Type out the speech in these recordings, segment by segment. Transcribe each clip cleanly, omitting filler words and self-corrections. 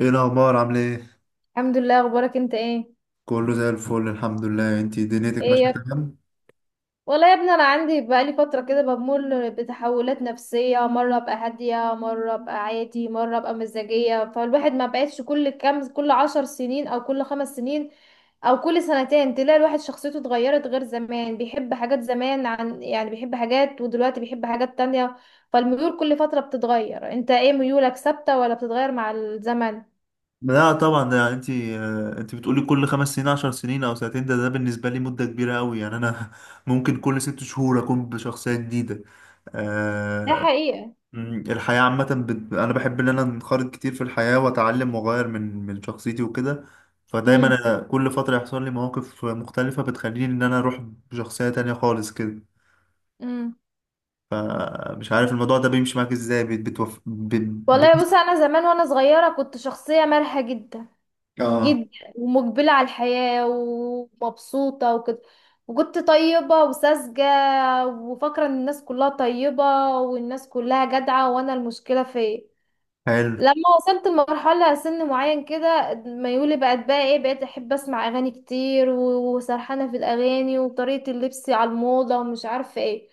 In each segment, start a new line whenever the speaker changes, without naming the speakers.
ايه الاخبار، عامله ايه؟
الحمد لله. اخبارك انت ايه؟
كله زي الفل، الحمد لله. انتي دنيتك
ايه
ماشيه
يا.
تمام؟
والله يا ابني انا عندي بقالي فتره كده بمر بتحولات نفسيه، مره ابقى هاديه، مره ابقى عادي، مره ابقى مزاجيه. فالواحد ما بقتش كل 10 سنين او كل 5 سنين او كل سنتين تلاقي الواحد شخصيته اتغيرت غير زمان، بيحب حاجات زمان عن بيحب حاجات، ودلوقتي بيحب حاجات تانية. فالميول كل فتره بتتغير. انت ايه ميولك، ثابته ولا بتتغير مع الزمن؟
لا طبعا، ده انتي بتقولي كل 5 سنين، 10 سنين او سنتين ده بالنسبه لي مده كبيره قوي، يعني انا ممكن كل 6 شهور اكون بشخصيه جديده.
ده
آه.
حقيقة.
الحياه عامه انا بحب ان انا انخرط كتير في الحياه، واتعلم واغير من شخصيتي وكده. فدايما أنا كل فتره يحصل لي مواقف مختلفه بتخليني ان انا اروح بشخصيه تانية خالص كده.
امم
مش عارف الموضوع ده بيمشي معاك ازاي،
والله بص، انا زمان وانا صغيره كنت شخصيه مرحه جدا
اه،
جدا، ومقبله على الحياه ومبسوطه وكده، وكنت طيبه وساذجه، وفاكره ان الناس كلها طيبه والناس كلها جدعه، وانا المشكله فيا.
حلو.
لما وصلت لمرحله سن معين كده، ميولي بقت بقى ايه، بقيت احب اسمع اغاني كتير و- وسرحانه في الاغاني، وطريقه اللبس على الموضه ومش عارفه ايه.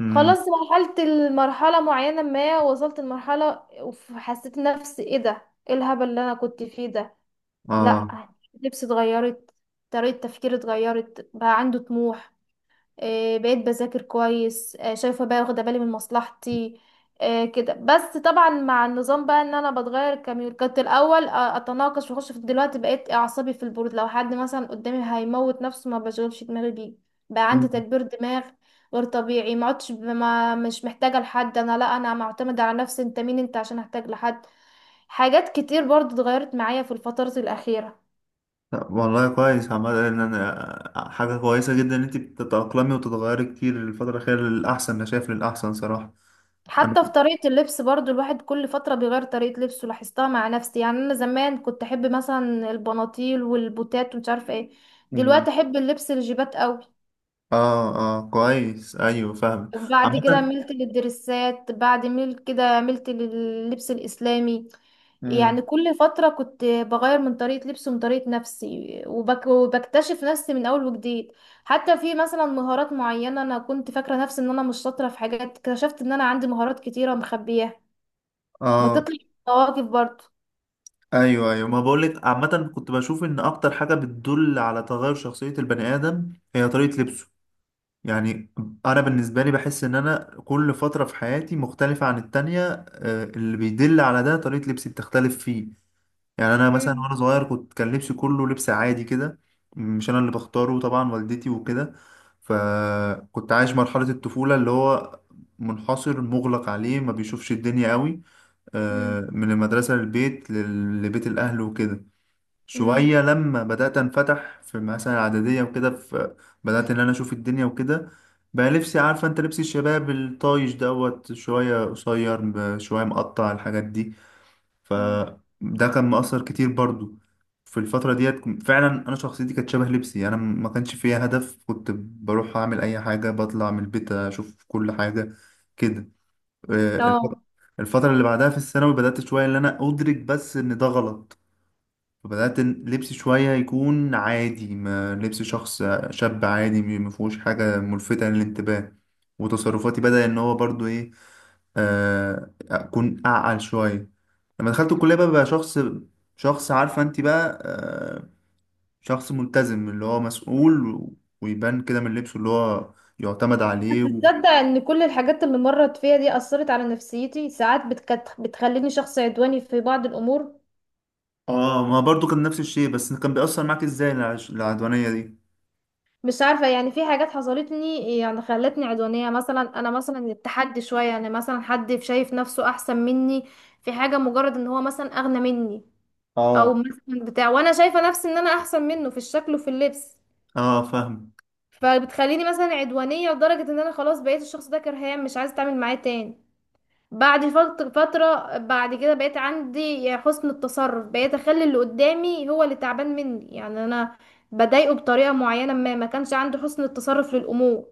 امم.
خلاص المرحلة معينة، ما وصلت لمرحلة وحسيت نفسي ايه ده، ايه الهبل اللي انا كنت فيه ده؟ لا،
اه.
لبسي اتغيرت، طريقة تفكيري اتغيرت، بقى عنده طموح، بقيت بذاكر كويس، شايفه بقى واخده بالي من مصلحتي. كده، بس طبعا مع النظام بقى ان انا بتغير كميول. كنت الاول اتناقش واخش في، دلوقتي بقيت اعصابي في البرود. لو حد مثلا قدامي هيموت نفسه، ما بشغلش دماغي بيه. بقى عندي
مم.
تكبير دماغ غير طبيعي. ما عدتش ما مش محتاجه لحد، انا لا، انا معتمده على نفسي. انت مين انت عشان احتاج لحد؟ حاجات كتير برضو اتغيرت معايا في الفترة الأخيرة.
طب والله كويس، عمال ان انا حاجه كويسه جدا ان انت بتتاقلمي وتتغيري كتير الفتره الاخيره للاحسن، انا شايف للاحسن صراحه. انا.
حتى في طريقة اللبس برضو، الواحد كل فترة بيغير طريقة لبسه، لاحظتها مع نفسي. يعني أنا زمان كنت أحب مثلا البناطيل والبوتات ومش عارفة ايه،
مم.
دلوقتي أحب اللبس الجيبات قوي.
اه اه، كويس، ايوه فاهم.
وبعد كده
عامه.
ملت للدرسات، بعد ملت كده ملت لللبس الإسلامي.
مم.
يعني كل فترة كنت بغير من طريقة لبسي ومن طريقة نفسي، وبكتشف نفسي من أول وجديد. حتى في مثلا مهارات معينة، أنا كنت فاكرة نفسي إن أنا مش شاطرة في حاجات، اكتشفت إن أنا عندي مهارات كتيرة مخبياها.
اه.
بطاطس وطواجن برضه.
ايوه ايوه، ما بقولك عامه كنت بشوف ان اكتر حاجه بتدل على تغير شخصيه البني ادم هي طريقه لبسه. يعني انا بالنسبه لي بحس ان انا كل فتره في حياتي مختلفه عن التانية، اللي بيدل على ده طريقه لبسي بتختلف فيه. يعني انا مثلا
مم.
وانا صغير كنت كان لبسي كله لبس عادي كده، مش انا اللي بختاره طبعا، والدتي وكده. فكنت عايش مرحله الطفوله اللي هو منحصر مغلق عليه، ما بيشوفش الدنيا قوي.
مم.
من المدرسه للبيت، لبيت الاهل وكده.
مم.
شوية لما بدأت أنفتح في مثلا إعدادية وكده، في بدأت إن أنا أشوف الدنيا وكده. بقى لبسي عارفة أنت لبس الشباب الطايش دوت، شوية قصير، شوية مقطع، الحاجات دي.
مم.
فده كان مؤثر كتير برضو. في الفترة ديت فعلا أنا شخصيتي كانت شبه لبسي، أنا ما كانش فيها هدف، كنت بروح أعمل أي حاجة، بطلع من البيت أشوف كل حاجة كده. الفترة
اه.
اللي بعدها في الثانوي بدأت شوية إن أنا أدرك بس إن ده غلط. فبدأت لبسي شوية يكون عادي، ما لبس شخص شاب عادي ما فيهوش حاجة ملفتة للانتباه. وتصرفاتي بدأ إن هو برضو إيه، أكون أعقل شوية. لما دخلت الكلية بقى شخص، شخص عارفة أنت بقى شخص ملتزم اللي هو مسؤول ويبان كده من لبسه، اللي هو يعتمد
بس
عليه و...
تصدق ان كل الحاجات اللي مرت فيها دي اثرت على نفسيتي؟ ساعات بتخليني شخص عدواني في بعض الامور.
آه، ما برضو كان نفس الشيء، بس كان بيأثر معاك إزاي العدوانية دي؟
مش عارفه، يعني في حاجات حصلتني يعني خلتني عدوانيه. مثلا انا مثلا التحدي شويه، يعني مثلا حد شايف نفسه احسن مني في حاجه، مجرد ان هو مثلا اغنى مني، او
اه.
مثلا بتاع، وانا شايفه نفسي ان انا احسن منه في الشكل وفي اللبس،
آه فاهم.
فبتخليني مثلا عدوانية لدرجة ان انا خلاص بقيت الشخص ده كرهاه، مش عايزة اتعامل معاه تاني. بعد فترة بعد كده، بقيت عندي حسن التصرف، بقيت اخلي اللي قدامي هو اللي تعبان مني. يعني انا بضايقه بطريقة معينة، ما كانش عندي حسن التصرف للامور.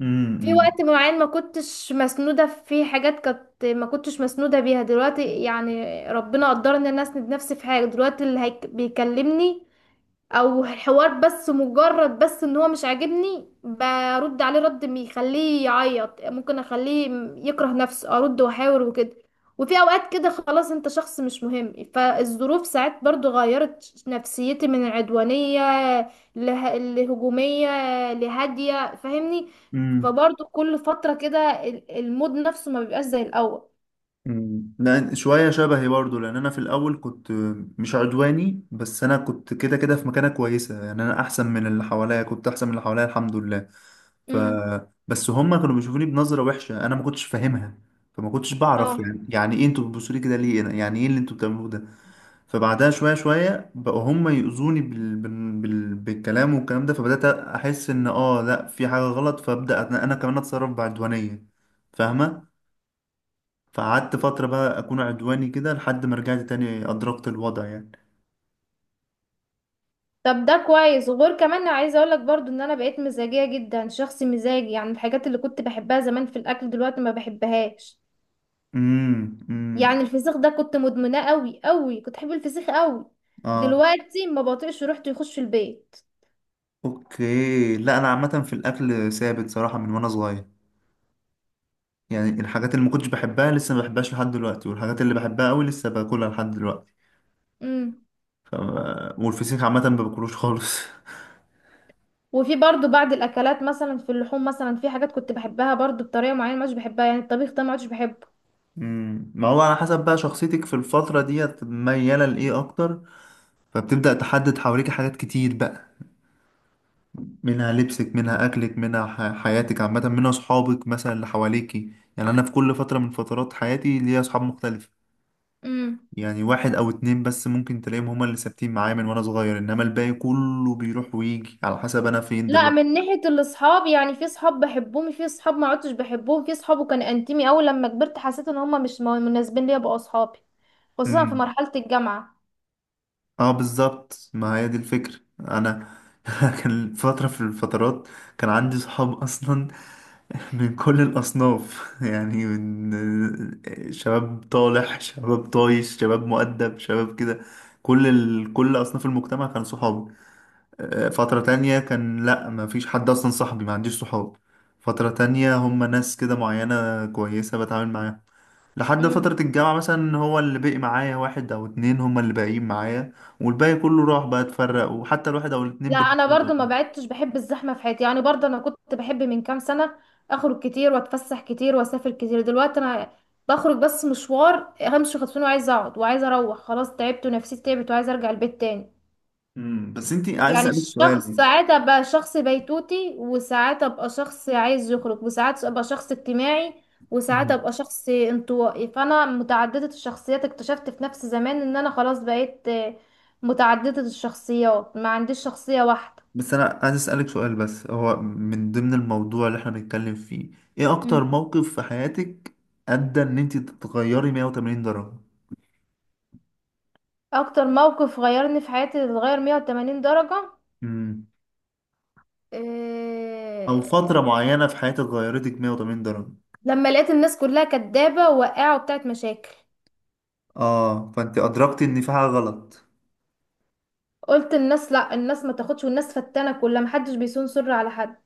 أمم،
في
أمم.
وقت معين ما كنتش مسنودة في حاجات، كانت ما كنتش مسنودة بيها. دلوقتي يعني ربنا قدرني ان انا اسند نفسي في حاجة. دلوقتي اللي بيكلمني او الحوار، بس مجرد ان هو مش عاجبني، برد عليه رد بيخليه يعيط، ممكن اخليه يكره نفسه، ارد واحاور وكده. وفي اوقات كده خلاص، انت شخص مش مهم. فالظروف ساعات برضو غيرت نفسيتي من العدوانية لهجومية، لهادية، فاهمني؟
أمم.
فبرضو كل فترة كده المود نفسه ما بيبقاش زي الاول.
مم. لا شوية شبهي برضو، لأن أنا في الأول كنت مش عدواني، بس أنا كنت كده كده في مكانة كويسة، يعني أنا أحسن من اللي حواليا، كنت أحسن من اللي حواليا الحمد لله. ف.
امم
بس هما كانوا بيشوفوني بنظرة وحشة أنا ما كنتش فاهمها. فما كنتش بعرف
اه.
يعني إيه أنتوا بتبصوا لي كده ليه، أنا يعني إيه اللي أنتوا بتعملوه ده. فبعدها شوية شوية بقوا هما يؤذوني بالكلام، والكلام ده فبدأت أحس إن آه لأ في حاجة غلط، فأبدأ أنا كمان أتصرف بعدوانية. فاهمة. فقعدت فترة بقى أكون عدواني كده لحد ما رجعت تاني أدركت الوضع يعني.
طب ده كويس. وغير كمان، عايزه اقول لك برضو ان انا بقيت مزاجيه جدا، شخص مزاجي. يعني الحاجات اللي كنت بحبها زمان في الاكل دلوقتي ما بحبهاش.
امم.
يعني الفسيخ ده كنت مدمناه قوي قوي، كنت بحب الفسيخ قوي،
اه.
دلوقتي ما بطيقش ريحته يخش في البيت.
اوكي. لا أنا عامة في الأكل ثابت صراحة من وأنا صغير. يعني الحاجات اللي ما كنتش بحبها لسه ما بحبهاش لحد دلوقتي، والحاجات اللي بحبها قوي لسه باكلها لحد دلوقتي.
امم
والفسيخ عامة ما باكلوش خالص
وفي برضو بعض الاكلات، مثلا في اللحوم، مثلا في حاجات كنت بحبها برضو بطريقه معينه مش بحبها. يعني الطبيخ ده ما عادش بحبه.
امم. ما هو على حسب بقى شخصيتك في الفترة ديت ميالة لإيه أكتر. فبتبدأ تحدد حواليك حاجات كتير بقى، منها لبسك، منها أكلك، منها حياتك عامة، منها أصحابك مثلا اللي حواليكي. يعني أنا في كل فترة من فترات حياتي ليا أصحاب مختلفة.
امم
يعني واحد أو اتنين بس ممكن تلاقيهم هما اللي ثابتين معايا من وأنا صغير، إنما الباقي كله بيروح ويجي على حسب أنا فين
لا،
دلوقتي.
من ناحية الاصحاب يعني في صحاب بحبهم، في صحاب ما عدتش بحبهم، في صحاب وكان انتمي اوي لما كبرت حسيت ان هما مش مناسبين ليا بقوا اصحابي، خصوصا في
مم.
مرحلة الجامعة.
اه بالظبط، ما هي دي الفكرة. انا كان فترة في الفترات كان عندي صحاب اصلا من كل الاصناف يعني من شباب طالح، شباب طايش، شباب مؤدب، شباب كده، كل اصناف المجتمع كانوا صحابي. فترة تانية كان لا ما فيش حد اصلا صاحبي، ما عنديش صحاب. فترة تانية هم ناس كده معينة كويسة بتعامل معاهم. لحد
امم
فترة الجامعة مثلا هو اللي بقي معايا واحد أو اتنين هما اللي باقيين معايا. والباقي كله راح بقى اتفرق، وحتى الواحد أو الاتنين
لا، انا برضو
بالنسبة.
ما بعدتش بحب الزحمة في حياتي. يعني برضو انا كنت بحب من كام سنة اخرج كتير واتفسح كتير واسافر كتير. دلوقتي انا بخرج بس مشوار، همشي خطفين، وعايزة اقعد وعايزة اروح خلاص، تعبت ونفسيتي تعبت وعايزة ارجع البيت تاني.
امم. بس انتي عايز
يعني
أسألك
الشخص
سؤال.
ساعات ابقى شخص بيتوتي، وساعات ابقى شخص عايز يخرج، وساعات ابقى شخص اجتماعي، وساعات
امم.
ابقى شخص انطوائي. فانا متعددة الشخصيات، اكتشفت في نفس زمان ان انا خلاص بقيت متعددة الشخصيات، ما عنديش شخصية واحدة.
بس أنا عايز أسألك سؤال، بس هو من ضمن الموضوع اللي احنا بنتكلم فيه. ايه
مم.
أكتر موقف في حياتك أدى إن انتي تتغيري 180 درجة؟
اكتر موقف غيرني في حياتي اتغير 180 درجة،
امم. أو
إيه...
فترة معينة في حياتك غيرتك 180 درجة.
لما لقيت الناس كلها كدابة وقاعة وبتاعت مشاكل،
اه، فانت أدركتي إن في حاجة غلط.
قلت الناس لا، الناس ما تاخدش، والناس فتانة كلها، محدش بيصون سر على حد.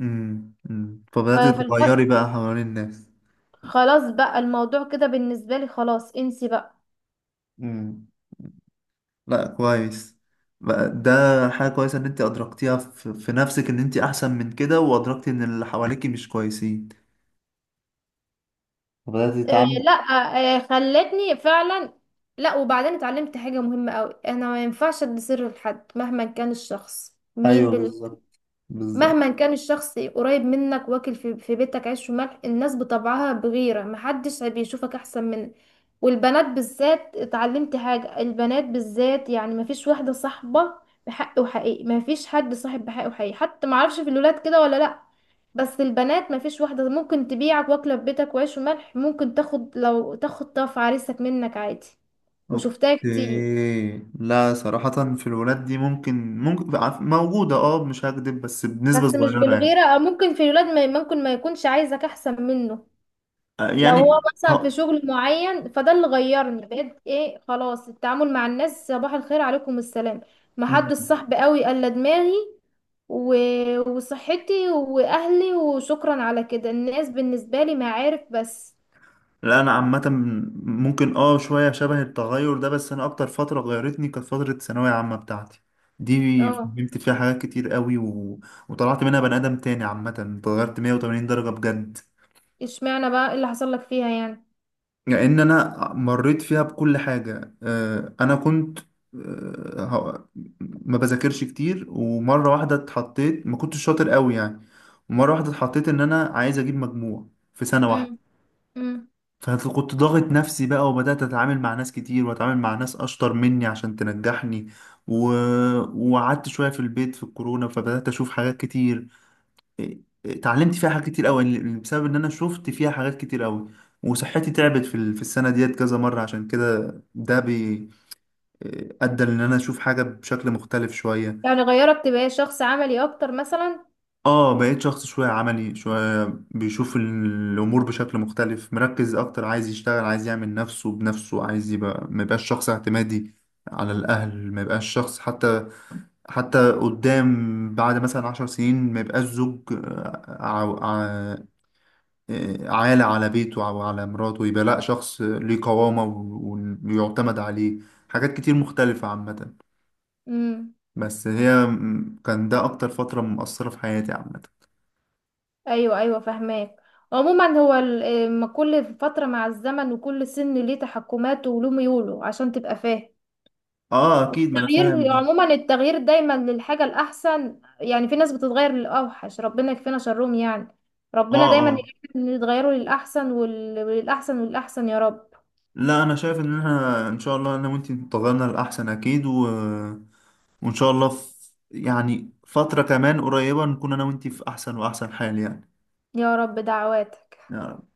امم. أمم.
ف-
فبدأت
فالف...
تتغيري بقى حوالين الناس.
خلاص بقى الموضوع كده بالنسبة لي، خلاص انسي بقى.
مم. لا كويس. بقى ده حاجة كويسة ان انت ادركتيها في نفسك ان انت احسن من كده، وادركتي ان اللي حواليكي مش كويسين، فبدأتي
آه
تتعاملي.
لا. آه خلتني فعلا. لا، وبعدين اتعلمت حاجة مهمة قوي، انا ما ينفعش ادي سر لحد مهما كان الشخص مين.
ايوه بالظبط، بالظبط.
مهما كان الشخص قريب منك واكل في, بيتك عيش وملح، الناس بطبعها بغيرة، محدش بيشوفك احسن منك. والبنات بالذات، اتعلمت حاجة، البنات بالذات يعني مفيش واحدة صاحبة بحق وحقيقي، مفيش حد صاحب بحق وحقيقي. حتى معرفش في الولاد كده ولا لا، بس البنات مفيش واحدة، ممكن تبيعك واكلة في بيتك وعيش وملح، ممكن تاخد، لو تاخد طرف عريسك منك عادي، وشفتها كتير.
اوكي. لا صراحة في الولاد دي ممكن، ممكن موجودة اه مش هكدب، بس بنسبة
بس مش
صغيرة يعني.
بالغيرة، او ممكن في الولاد ممكن ما يكونش عايزك احسن منه لو هو
يعني
مثلا في
اه.
شغل معين. فده اللي غيرني، بقيت ايه خلاص، التعامل مع الناس صباح الخير عليكم السلام، محدش
مم.
صاحب قوي الا دماغي و... وصحتي واهلي، وشكرا على كده، الناس بالنسبة لي معارف بس.
لا انا عامه ممكن اه شويه شبه التغير ده، بس انا اكتر فتره غيرتني كانت فتره الثانويه عامه بتاعتي دي،
اه.
فهمت فيها حاجات كتير قوي و... وطلعت منها بني ادم تاني عامه، اتغيرت 180 درجه بجد.
اشمعنى بقى، إيه اللي حصل لك فيها يعني؟
لان انا مريت فيها بكل حاجه، انا كنت آه، هو- ما بذاكرش كتير، ومره واحده اتحطيت ما كنتش شاطر قوي يعني. ومره واحده اتحطيت ان انا عايز اجيب مجموع في سنه
امم
واحده.
امم
فكنت ضاغط نفسي بقى، وبدأت أتعامل مع ناس كتير وأتعامل مع ناس أشطر مني عشان تنجحني و... وقعدت شوية في البيت في الكورونا، فبدأت أشوف حاجات كتير. إيه، إيه، اتعلمت فيها حاجات كتير أوي بسبب إن أنا شفت فيها حاجات كتير أوي. وصحتي تعبت في في السنة ديت كذا مرة، عشان كده ده إيه، أدى إن أنا أشوف حاجة بشكل مختلف شوية.
يعني غيرك تبقى شخص عملي اكتر مثلا؟
اه، بقيت شخص شوية عملي، شوية بيشوف الأمور بشكل مختلف، مركز أكتر، عايز يشتغل، عايز يعمل نفسه بنفسه، عايز يبقى، ما يبقاش شخص اعتمادي على الأهل، ما يبقاش شخص حتى، حتى قدام بعد مثلا 10 سنين ما يبقاش زوج ع- ع- عالة على بيته أو على مراته، يبقى لأ شخص ليه قوامة ويعتمد عليه. حاجات كتير مختلفة عامة.
امم
بس هي كان ده أكتر فترة مؤثرة في حياتي عامة.
ايوه ايوه فاهماك. عموما هو ال- إيه، ما كل فتره مع الزمن وكل سن ليه تحكماته وله ميوله عشان تبقى فاهم.
اه اكيد، ما انا
التغيير
فاهم.
عموما التغيير دايما للحاجه الاحسن. يعني في ناس بتتغير للاوحش، ربنا يكفينا شرهم يعني.
اه
ربنا دايما
اه.
يتغيروا للاحسن، وال- وللاحسن والاحسن يا رب.
لا انا شايف ان احنا ان شاء الله انا وانت اتفقنا الاحسن اكيد و... وان شاء الله في، يعني فترة كمان قريبة نكون انا وانت في احسن واحسن حال،
يا رب دعواتك.
يعني.